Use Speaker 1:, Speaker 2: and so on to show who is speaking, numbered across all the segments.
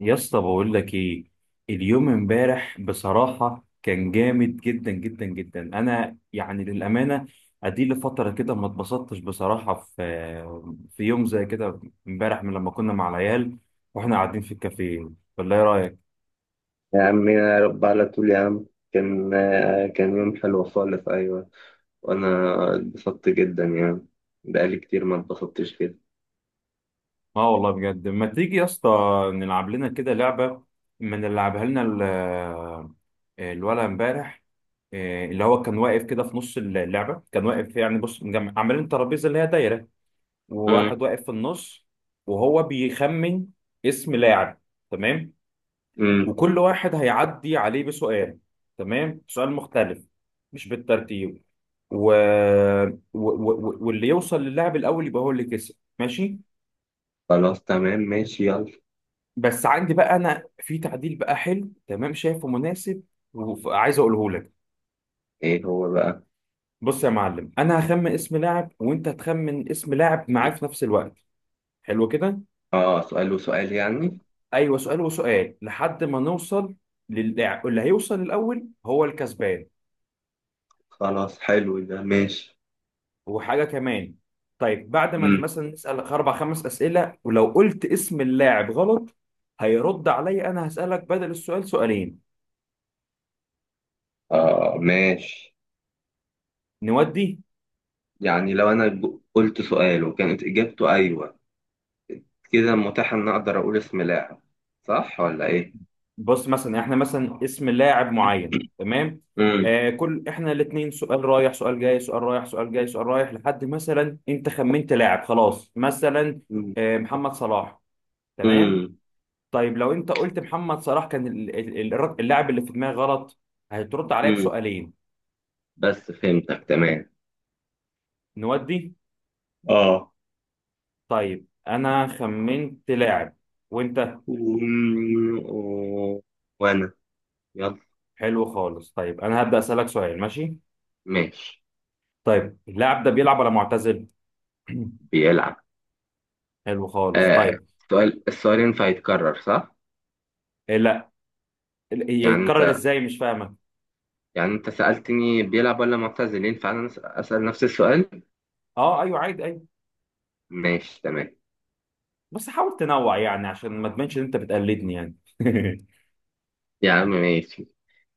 Speaker 1: يا اسطى، بقول لك ايه؟ اليوم امبارح بصراحه كان جامد جدا جدا جدا. انا يعني للامانه ادي لي فتره كده ما اتبسطتش بصراحه في يوم زي كده. امبارح من لما كنا مع العيال واحنا قاعدين في الكافيه، ولا ايه رايك؟
Speaker 2: يا عم، يا رب على طول يا عم. كان يوم حلو خالص. أيوة. وأنا اتبسطت جدا يعني. بقالي كتير ما اتبسطتش كده.
Speaker 1: اه والله بجد. ما تيجي يا اسطى نلعب لنا كده لعبه، ما نلعبها لنا الولد امبارح اللي هو كان واقف كده في نص اللعبه، كان واقف يعني بص عاملين ترابيزه اللي هي دايره
Speaker 2: أمم،
Speaker 1: وواحد واقف في النص وهو بيخمن اسم لاعب، تمام.
Speaker 2: أمم.
Speaker 1: وكل واحد هيعدي عليه بسؤال، تمام، سؤال مختلف، مش بالترتيب، و... واللي يوصل للاعب الاول يبقى هو اللي كسب، ماشي.
Speaker 2: خلاص تمام ماشي يلا.
Speaker 1: بس عندي بقى انا في تعديل بقى حلو تمام، شايفه مناسب، وعايز اقوله لك.
Speaker 2: إيه هو بقى؟
Speaker 1: بص يا معلم، انا هخمن اسم لاعب وانت هتخمن اسم لاعب معاه في نفس الوقت، حلو كده.
Speaker 2: آه، سؤال وسؤال يعني.
Speaker 1: ايوه، سؤال وسؤال لحد ما نوصل اللي هيوصل الاول هو الكسبان.
Speaker 2: خلاص، حلو ده، ماشي.
Speaker 1: وحاجه كمان، طيب بعد ما
Speaker 2: أمم.
Speaker 1: مثلا نسال اربع خمس اسئله، ولو قلت اسم اللاعب غلط هيرد عليا انا، هسالك بدل السؤال سؤالين.
Speaker 2: آه، ماشي.
Speaker 1: نودي.
Speaker 2: يعني لو أنا قلت سؤال وكانت إجابته أيوة، كده متاح إن أقدر أقول اسم لاعب، صح ولا إيه؟
Speaker 1: بص، مثلا احنا مثلا اسم لاعب معين، تمام،
Speaker 2: أمم،
Speaker 1: كل احنا الاثنين سؤال رايح سؤال جاي سؤال رايح سؤال جاي سؤال رايح لحد مثلا انت خمنت لاعب خلاص، مثلا
Speaker 2: أمم،
Speaker 1: محمد صلاح، تمام. طيب لو انت قلت محمد صلاح كان اللاعب اللي في دماغي غلط، هترد عليا
Speaker 2: أمم،
Speaker 1: بسؤالين.
Speaker 2: بس فهمتك تمام.
Speaker 1: نودي.
Speaker 2: اه.
Speaker 1: طيب انا خمنت لاعب وانت.
Speaker 2: و- و- وانا، يلا،
Speaker 1: حلو خالص، طيب انا هبدأ اسألك سؤال، ماشي.
Speaker 2: ماشي،
Speaker 1: طيب اللاعب ده بيلعب ولا معتزل؟
Speaker 2: بيلعب.
Speaker 1: حلو خالص،
Speaker 2: آه،
Speaker 1: طيب.
Speaker 2: السؤال ينفع يتكرر صح؟
Speaker 1: إيه، لا. هي
Speaker 2: يعني
Speaker 1: يتكرر
Speaker 2: انت
Speaker 1: ازاي، مش فاهمك.
Speaker 2: يعني انت سألتني بيلعب ولا معتزل، ينفع انا اسأل نفس السؤال؟
Speaker 1: اه ايوه عادي، ايوه.
Speaker 2: ماشي تمام.
Speaker 1: بس حاول تنوع يعني عشان ما تبانش ان انت بتقلدني يعني.
Speaker 2: يا عم ماشي.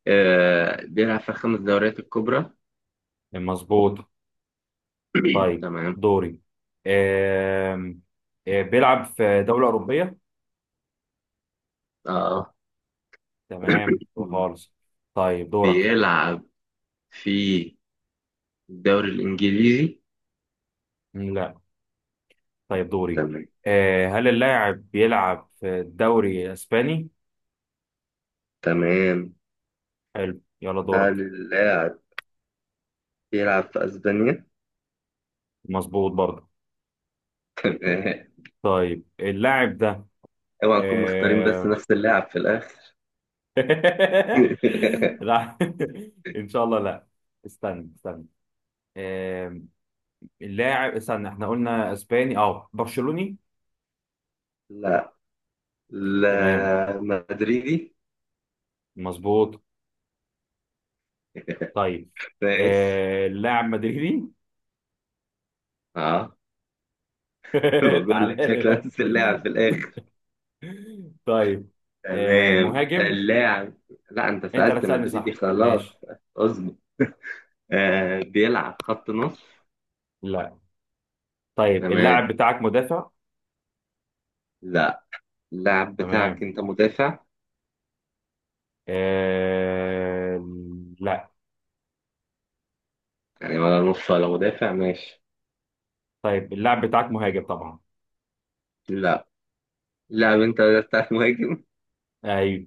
Speaker 2: آه، بيلعب في الخمس دوريات الكبرى.
Speaker 1: مظبوط. طيب
Speaker 2: تمام.
Speaker 1: دوري. آم، بيلعب في دولة أوروبية،
Speaker 2: اه.
Speaker 1: تمام، خالص. طيب دورك.
Speaker 2: بيلعب في الدوري الانجليزي.
Speaker 1: لا. طيب دوري.
Speaker 2: تمام،
Speaker 1: هل اللاعب بيلعب في الدوري الاسباني؟
Speaker 2: تمام.
Speaker 1: حلو يلا دورك.
Speaker 2: هل اللاعب بيلعب في اسبانيا؟
Speaker 1: مظبوط برضه. طيب اللاعب ده
Speaker 2: اوعى نكون مختارين بس
Speaker 1: آه...
Speaker 2: نفس اللاعب في الاخر.
Speaker 1: لا. ان شاء الله لا. استنى استنى. آه... اللاعب استنى، احنا قلنا اسباني، اه برشلوني،
Speaker 2: لا،
Speaker 1: تمام،
Speaker 2: لا مدريدي.
Speaker 1: مظبوط. طيب
Speaker 2: ماشي.
Speaker 1: اللاعب مدريدي.
Speaker 2: اه. بقول
Speaker 1: تعالى
Speaker 2: لك شكله
Speaker 1: لي.
Speaker 2: نفس اللاعب في الاخر.
Speaker 1: طيب
Speaker 2: تمام،
Speaker 1: مهاجم.
Speaker 2: اللاعب. لا، انت
Speaker 1: انت اللي
Speaker 2: سألت
Speaker 1: هتسألني
Speaker 2: مدريدي
Speaker 1: صح،
Speaker 2: خلاص.
Speaker 1: ماشي.
Speaker 2: اصبر. آه، بيلعب خط نص.
Speaker 1: لا. طيب
Speaker 2: تمام.
Speaker 1: اللاعب بتاعك مدافع،
Speaker 2: لا، اللاعب
Speaker 1: تمام.
Speaker 2: بتاعك انت مدافع.
Speaker 1: آه لا.
Speaker 2: يعني ولا نص ولا مدافع، ماشي.
Speaker 1: طيب اللاعب بتاعك مهاجم طبعا.
Speaker 2: لا، اللاعب انت بتاعك مهاجم.
Speaker 1: ايوه.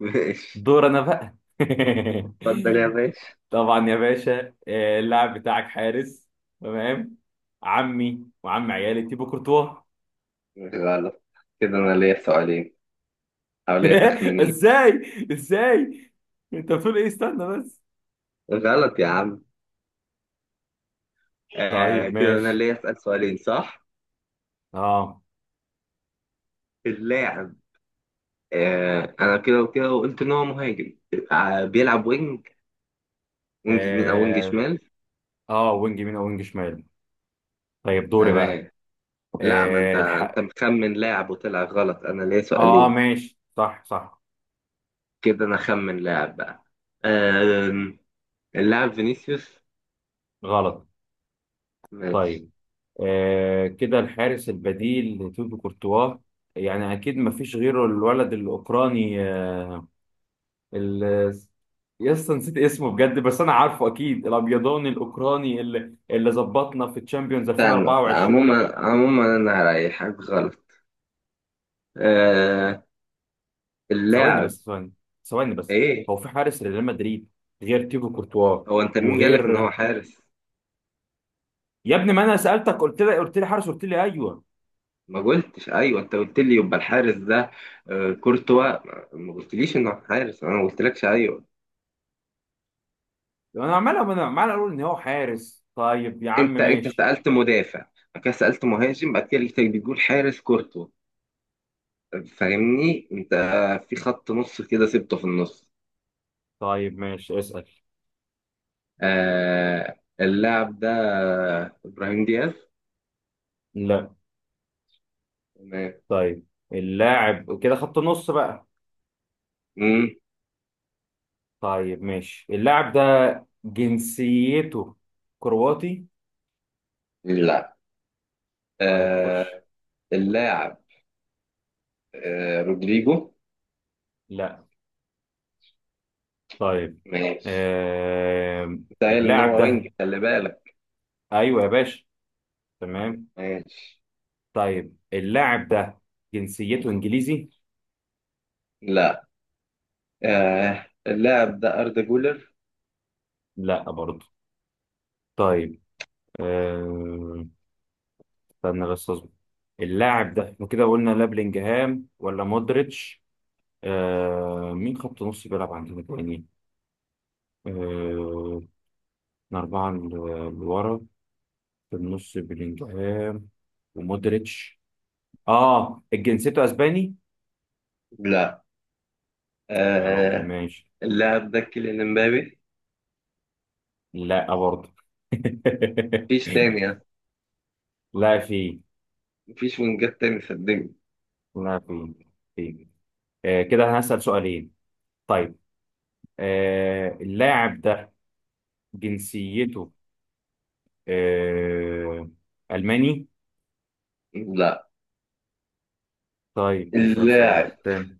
Speaker 2: ماشي،
Speaker 1: دور انا بقى.
Speaker 2: اتفضل يا باشا.
Speaker 1: طبعا يا باشا. اللاعب بتاعك حارس، تمام. عمي وعم عيالي تيبو كورتوا.
Speaker 2: غلط. كده انا ليا سؤالين، حوالية تخمينين.
Speaker 1: ازاي، ازاي؟ انت بتقول ايه، استنى بس.
Speaker 2: غلط يا عم. آه،
Speaker 1: طيب
Speaker 2: كده انا
Speaker 1: ماشي.
Speaker 2: اللي اسال سؤالين، صح.
Speaker 1: اه.
Speaker 2: اللاعب، انا كده وكده وقلت ان هو مهاجم. آه، بيلعب وينج، وينج يمين او وينج
Speaker 1: آه،
Speaker 2: شمال.
Speaker 1: اه وينج يمين او وينج شمال. طيب دوري بقى.
Speaker 2: تمام. لا، ما انت
Speaker 1: آه الح...
Speaker 2: انت مخمن لاعب وطلع غلط، انا ليا
Speaker 1: اه
Speaker 2: سؤالين.
Speaker 1: ماشي، صح صح.
Speaker 2: كده انا خمن لاعب بقى. آه، اللاعب فينيسيوس.
Speaker 1: غلط.
Speaker 2: ماشي.
Speaker 1: طيب كده الحارس البديل لتوبي كورتوا، يعني اكيد ما فيش غيره. الولد الاوكراني ال... يس، نسيت اسمه بجد، بس انا عارفه اكيد الابيضاني الاوكراني اللي ظبطنا في تشامبيونز
Speaker 2: استنى،
Speaker 1: 2024.
Speaker 2: عموما عموما انا هريحك، غلط. آه،
Speaker 1: ثواني
Speaker 2: اللاعب.
Speaker 1: بس، ثواني، ثواني بس.
Speaker 2: ايه،
Speaker 1: هو في حارس لريال مدريد غير تيبو كورتوا
Speaker 2: هو انت مين قالك ان
Speaker 1: وغير.
Speaker 2: هو حارس؟
Speaker 1: يا ابني، ما انا سالتك، قلت لي، قلت لي حارس، قلت لي ايوه.
Speaker 2: ما قلتش ايوه، انت قلت لي يبقى الحارس ده. آه، كورتوا ما قلتليش انه حارس، انا ما قلتلكش ايوه.
Speaker 1: انا عمال اقول ان هو حارس. طيب يا عم
Speaker 2: انت
Speaker 1: ماشي.
Speaker 2: سالت مدافع، بعد كده سالت مهاجم، بعد كده لقيتك بتقول حارس كورتوا، فاهمني انت؟ في خط نص كده سبته في النص.
Speaker 1: طيب ماشي اسال.
Speaker 2: آه، اللاعب ده ابراهيم دياز.
Speaker 1: لا.
Speaker 2: تمام.
Speaker 1: طيب اللاعب كده خط نص بقى.
Speaker 2: مم.
Speaker 1: طيب ماشي، اللاعب ده جنسيته كرواتي.
Speaker 2: لا.
Speaker 1: طيب خش.
Speaker 2: آه، اللاعب رودريجو.
Speaker 1: لا. طيب
Speaker 2: ماشي.
Speaker 1: آه...
Speaker 2: انت قايل ان
Speaker 1: اللاعب
Speaker 2: هو وينج،
Speaker 1: ده،
Speaker 2: خلي بالك.
Speaker 1: ايوه يا باشا، تمام.
Speaker 2: ماشي.
Speaker 1: طيب اللاعب ده جنسيته انجليزي.
Speaker 2: لا، اللاعب ده أردا جولر.
Speaker 1: لا برضه. طيب آه... استنى بس اصبر. اللاعب ده احنا كده قلنا لا بلينجهام ولا مودريتش. مين خط نص بيلعب عندنا تاني؟ آه احنا أربعة لورا في النص بلينجهام ومودريتش. اه جنسيته اسباني.
Speaker 2: لا،
Speaker 1: يا رب،
Speaker 2: آه
Speaker 1: ماشي.
Speaker 2: اللاعب ده كيليان امبابي.
Speaker 1: لا برضه.
Speaker 2: مفيش تاني يعني.
Speaker 1: لا في.
Speaker 2: مفيش وينجات تاني صدقني.
Speaker 1: لا في. في. كده انا هسأل سؤالين. طيب اللاعب ده جنسيته آه ألماني.
Speaker 2: لا،
Speaker 1: طيب نسأل سؤال
Speaker 2: اللاعب.
Speaker 1: تاني.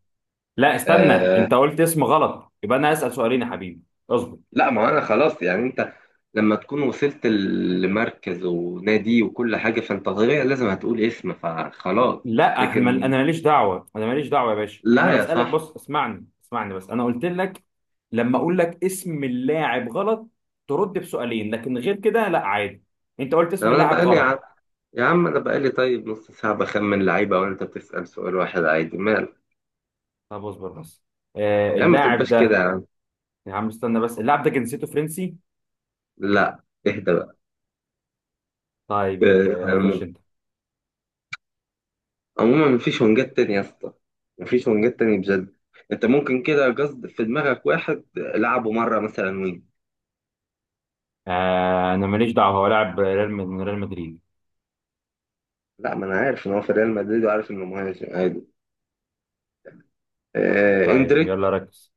Speaker 1: لا استنى،
Speaker 2: آه
Speaker 1: انت قلت اسم غلط يبقى انا اسال سؤالين يا حبيبي. اصبر.
Speaker 2: لا، ما أنا خلاص يعني. أنت لما تكون وصلت لمركز ونادي وكل حاجة، فأنت طبيعي لازم هتقول اسم، فخلاص.
Speaker 1: لا احنا
Speaker 2: لكن
Speaker 1: انا ماليش دعوه، انا ماليش دعوه يا باشا. انا
Speaker 2: لا يا
Speaker 1: بسالك،
Speaker 2: صاحبي.
Speaker 1: بص، اسمعني، اسمعني بس، انا قلت لك لما اقول لك اسم اللاعب غلط ترد بسؤالين، لكن غير كده لا عادي. انت قلت
Speaker 2: طب
Speaker 1: اسم
Speaker 2: أنا
Speaker 1: اللاعب
Speaker 2: بقالي يا عم،
Speaker 1: غلط.
Speaker 2: يا عم أنا بقالي طيب نص ساعة بخمن لعيبة وأنت بتسأل سؤال واحد عادي، مال.
Speaker 1: طب اصبر بس.
Speaker 2: يا عم ما
Speaker 1: اللاعب
Speaker 2: تبقاش كده
Speaker 1: ده.
Speaker 2: يا عم.
Speaker 1: يا عم استنى بس، اللاعب ده جنسيته فرنسي.
Speaker 2: لا، اهدى بقى.
Speaker 1: طيب ابدا، يا خش
Speaker 2: آه،
Speaker 1: انت.
Speaker 2: عموما مفيش ونجات تاني يا اسطى، مفيش ونجات تاني بجد. انت ممكن كده قصد في دماغك واحد لعبه مره مثلا وين.
Speaker 1: انا ماليش دعوه، هو لاعب ريال من ريال مدريد.
Speaker 2: لا، ما انا عارف ان هو في ريال مدريد وعارف انه مهاجم عادي. آه،
Speaker 1: طيب
Speaker 2: اندريك.
Speaker 1: يلا ركز.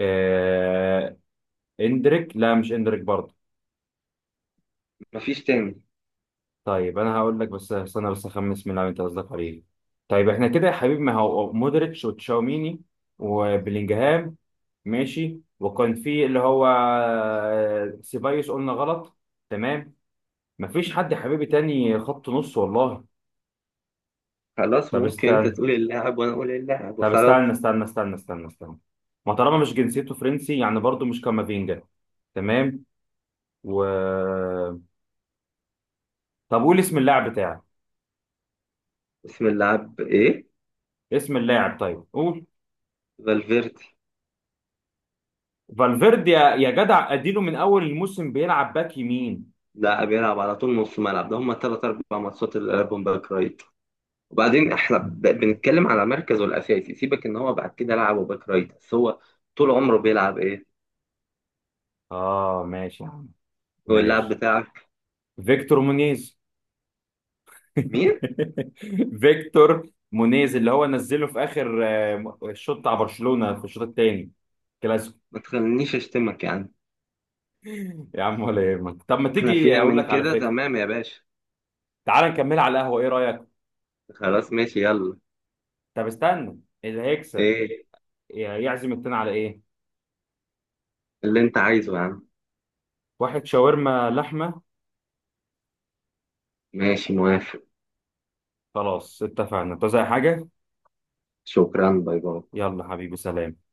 Speaker 1: آه... اندريك. لا، مش اندريك برضه.
Speaker 2: مفيش تاني.
Speaker 1: طيب انا هقول لك بس استنى بس اخمس من اللاعب انت قصدك عليه. طيب احنا كده يا حبيبي، ما هو مودريتش وتشاوميني وبلينجهام، ماشي. وكان في اللي هو سيبايوس قلنا غلط، تمام. مفيش حد يا حبيبي تاني خط نص والله.
Speaker 2: خلاص،
Speaker 1: طب
Speaker 2: ممكن انت
Speaker 1: استنى.
Speaker 2: تقول اللاعب وانا اقول اللاعب
Speaker 1: طب
Speaker 2: وخلاص.
Speaker 1: استنى، استنى، استنى، استنى، استنى، ما طالما مش جنسيته فرنسي يعني برضه مش كامافينجا، تمام. و طب قول اسم اللاعب بتاعك.
Speaker 2: اسم اللاعب ايه؟
Speaker 1: اسم اللاعب طيب قول.
Speaker 2: فالفيردي.
Speaker 1: فالفيردي. يا جدع، اديله من اول الموسم بيلعب باك يمين.
Speaker 2: لاعب يلعب على طول نص ملعب، ده هم ثلاث اربع ماتشات اللي لعبهم باك رايت. وبعدين احنا بنتكلم على مركزه الاساسي، سيبك ان هو بعد كده لعبه باك رايت، بس هو طول عمره بيلعب ايه؟
Speaker 1: اه ماشي يا عم،
Speaker 2: هو اللاعب
Speaker 1: ماشي.
Speaker 2: بتاعك.
Speaker 1: فيكتور مونيز.
Speaker 2: مين؟
Speaker 1: فيكتور مونيز اللي هو نزله في اخر الشوط بتاع برشلونة في الشوط الثاني، كلاسيكو.
Speaker 2: ما تخلينيش اشتمك يا عم.
Speaker 1: يا عم ولا يهمك. طب ما
Speaker 2: احنا
Speaker 1: تيجي
Speaker 2: فينا
Speaker 1: اقول
Speaker 2: من
Speaker 1: لك على
Speaker 2: كده،
Speaker 1: فكره،
Speaker 2: تمام يا باشا.
Speaker 1: تعال نكملها على القهوه، ايه رايك؟
Speaker 2: خلاص ماشي يلا.
Speaker 1: طب استنى، اللي هيكسب
Speaker 2: ايه
Speaker 1: يعزم التاني على ايه؟
Speaker 2: اللي انت عايزه يا عم؟
Speaker 1: واحد شاورما لحمه.
Speaker 2: ماشي، موافق.
Speaker 1: خلاص اتفقنا. انت زي حاجه؟
Speaker 2: شكرا، باي باي.
Speaker 1: يلا حبيبي، سلام.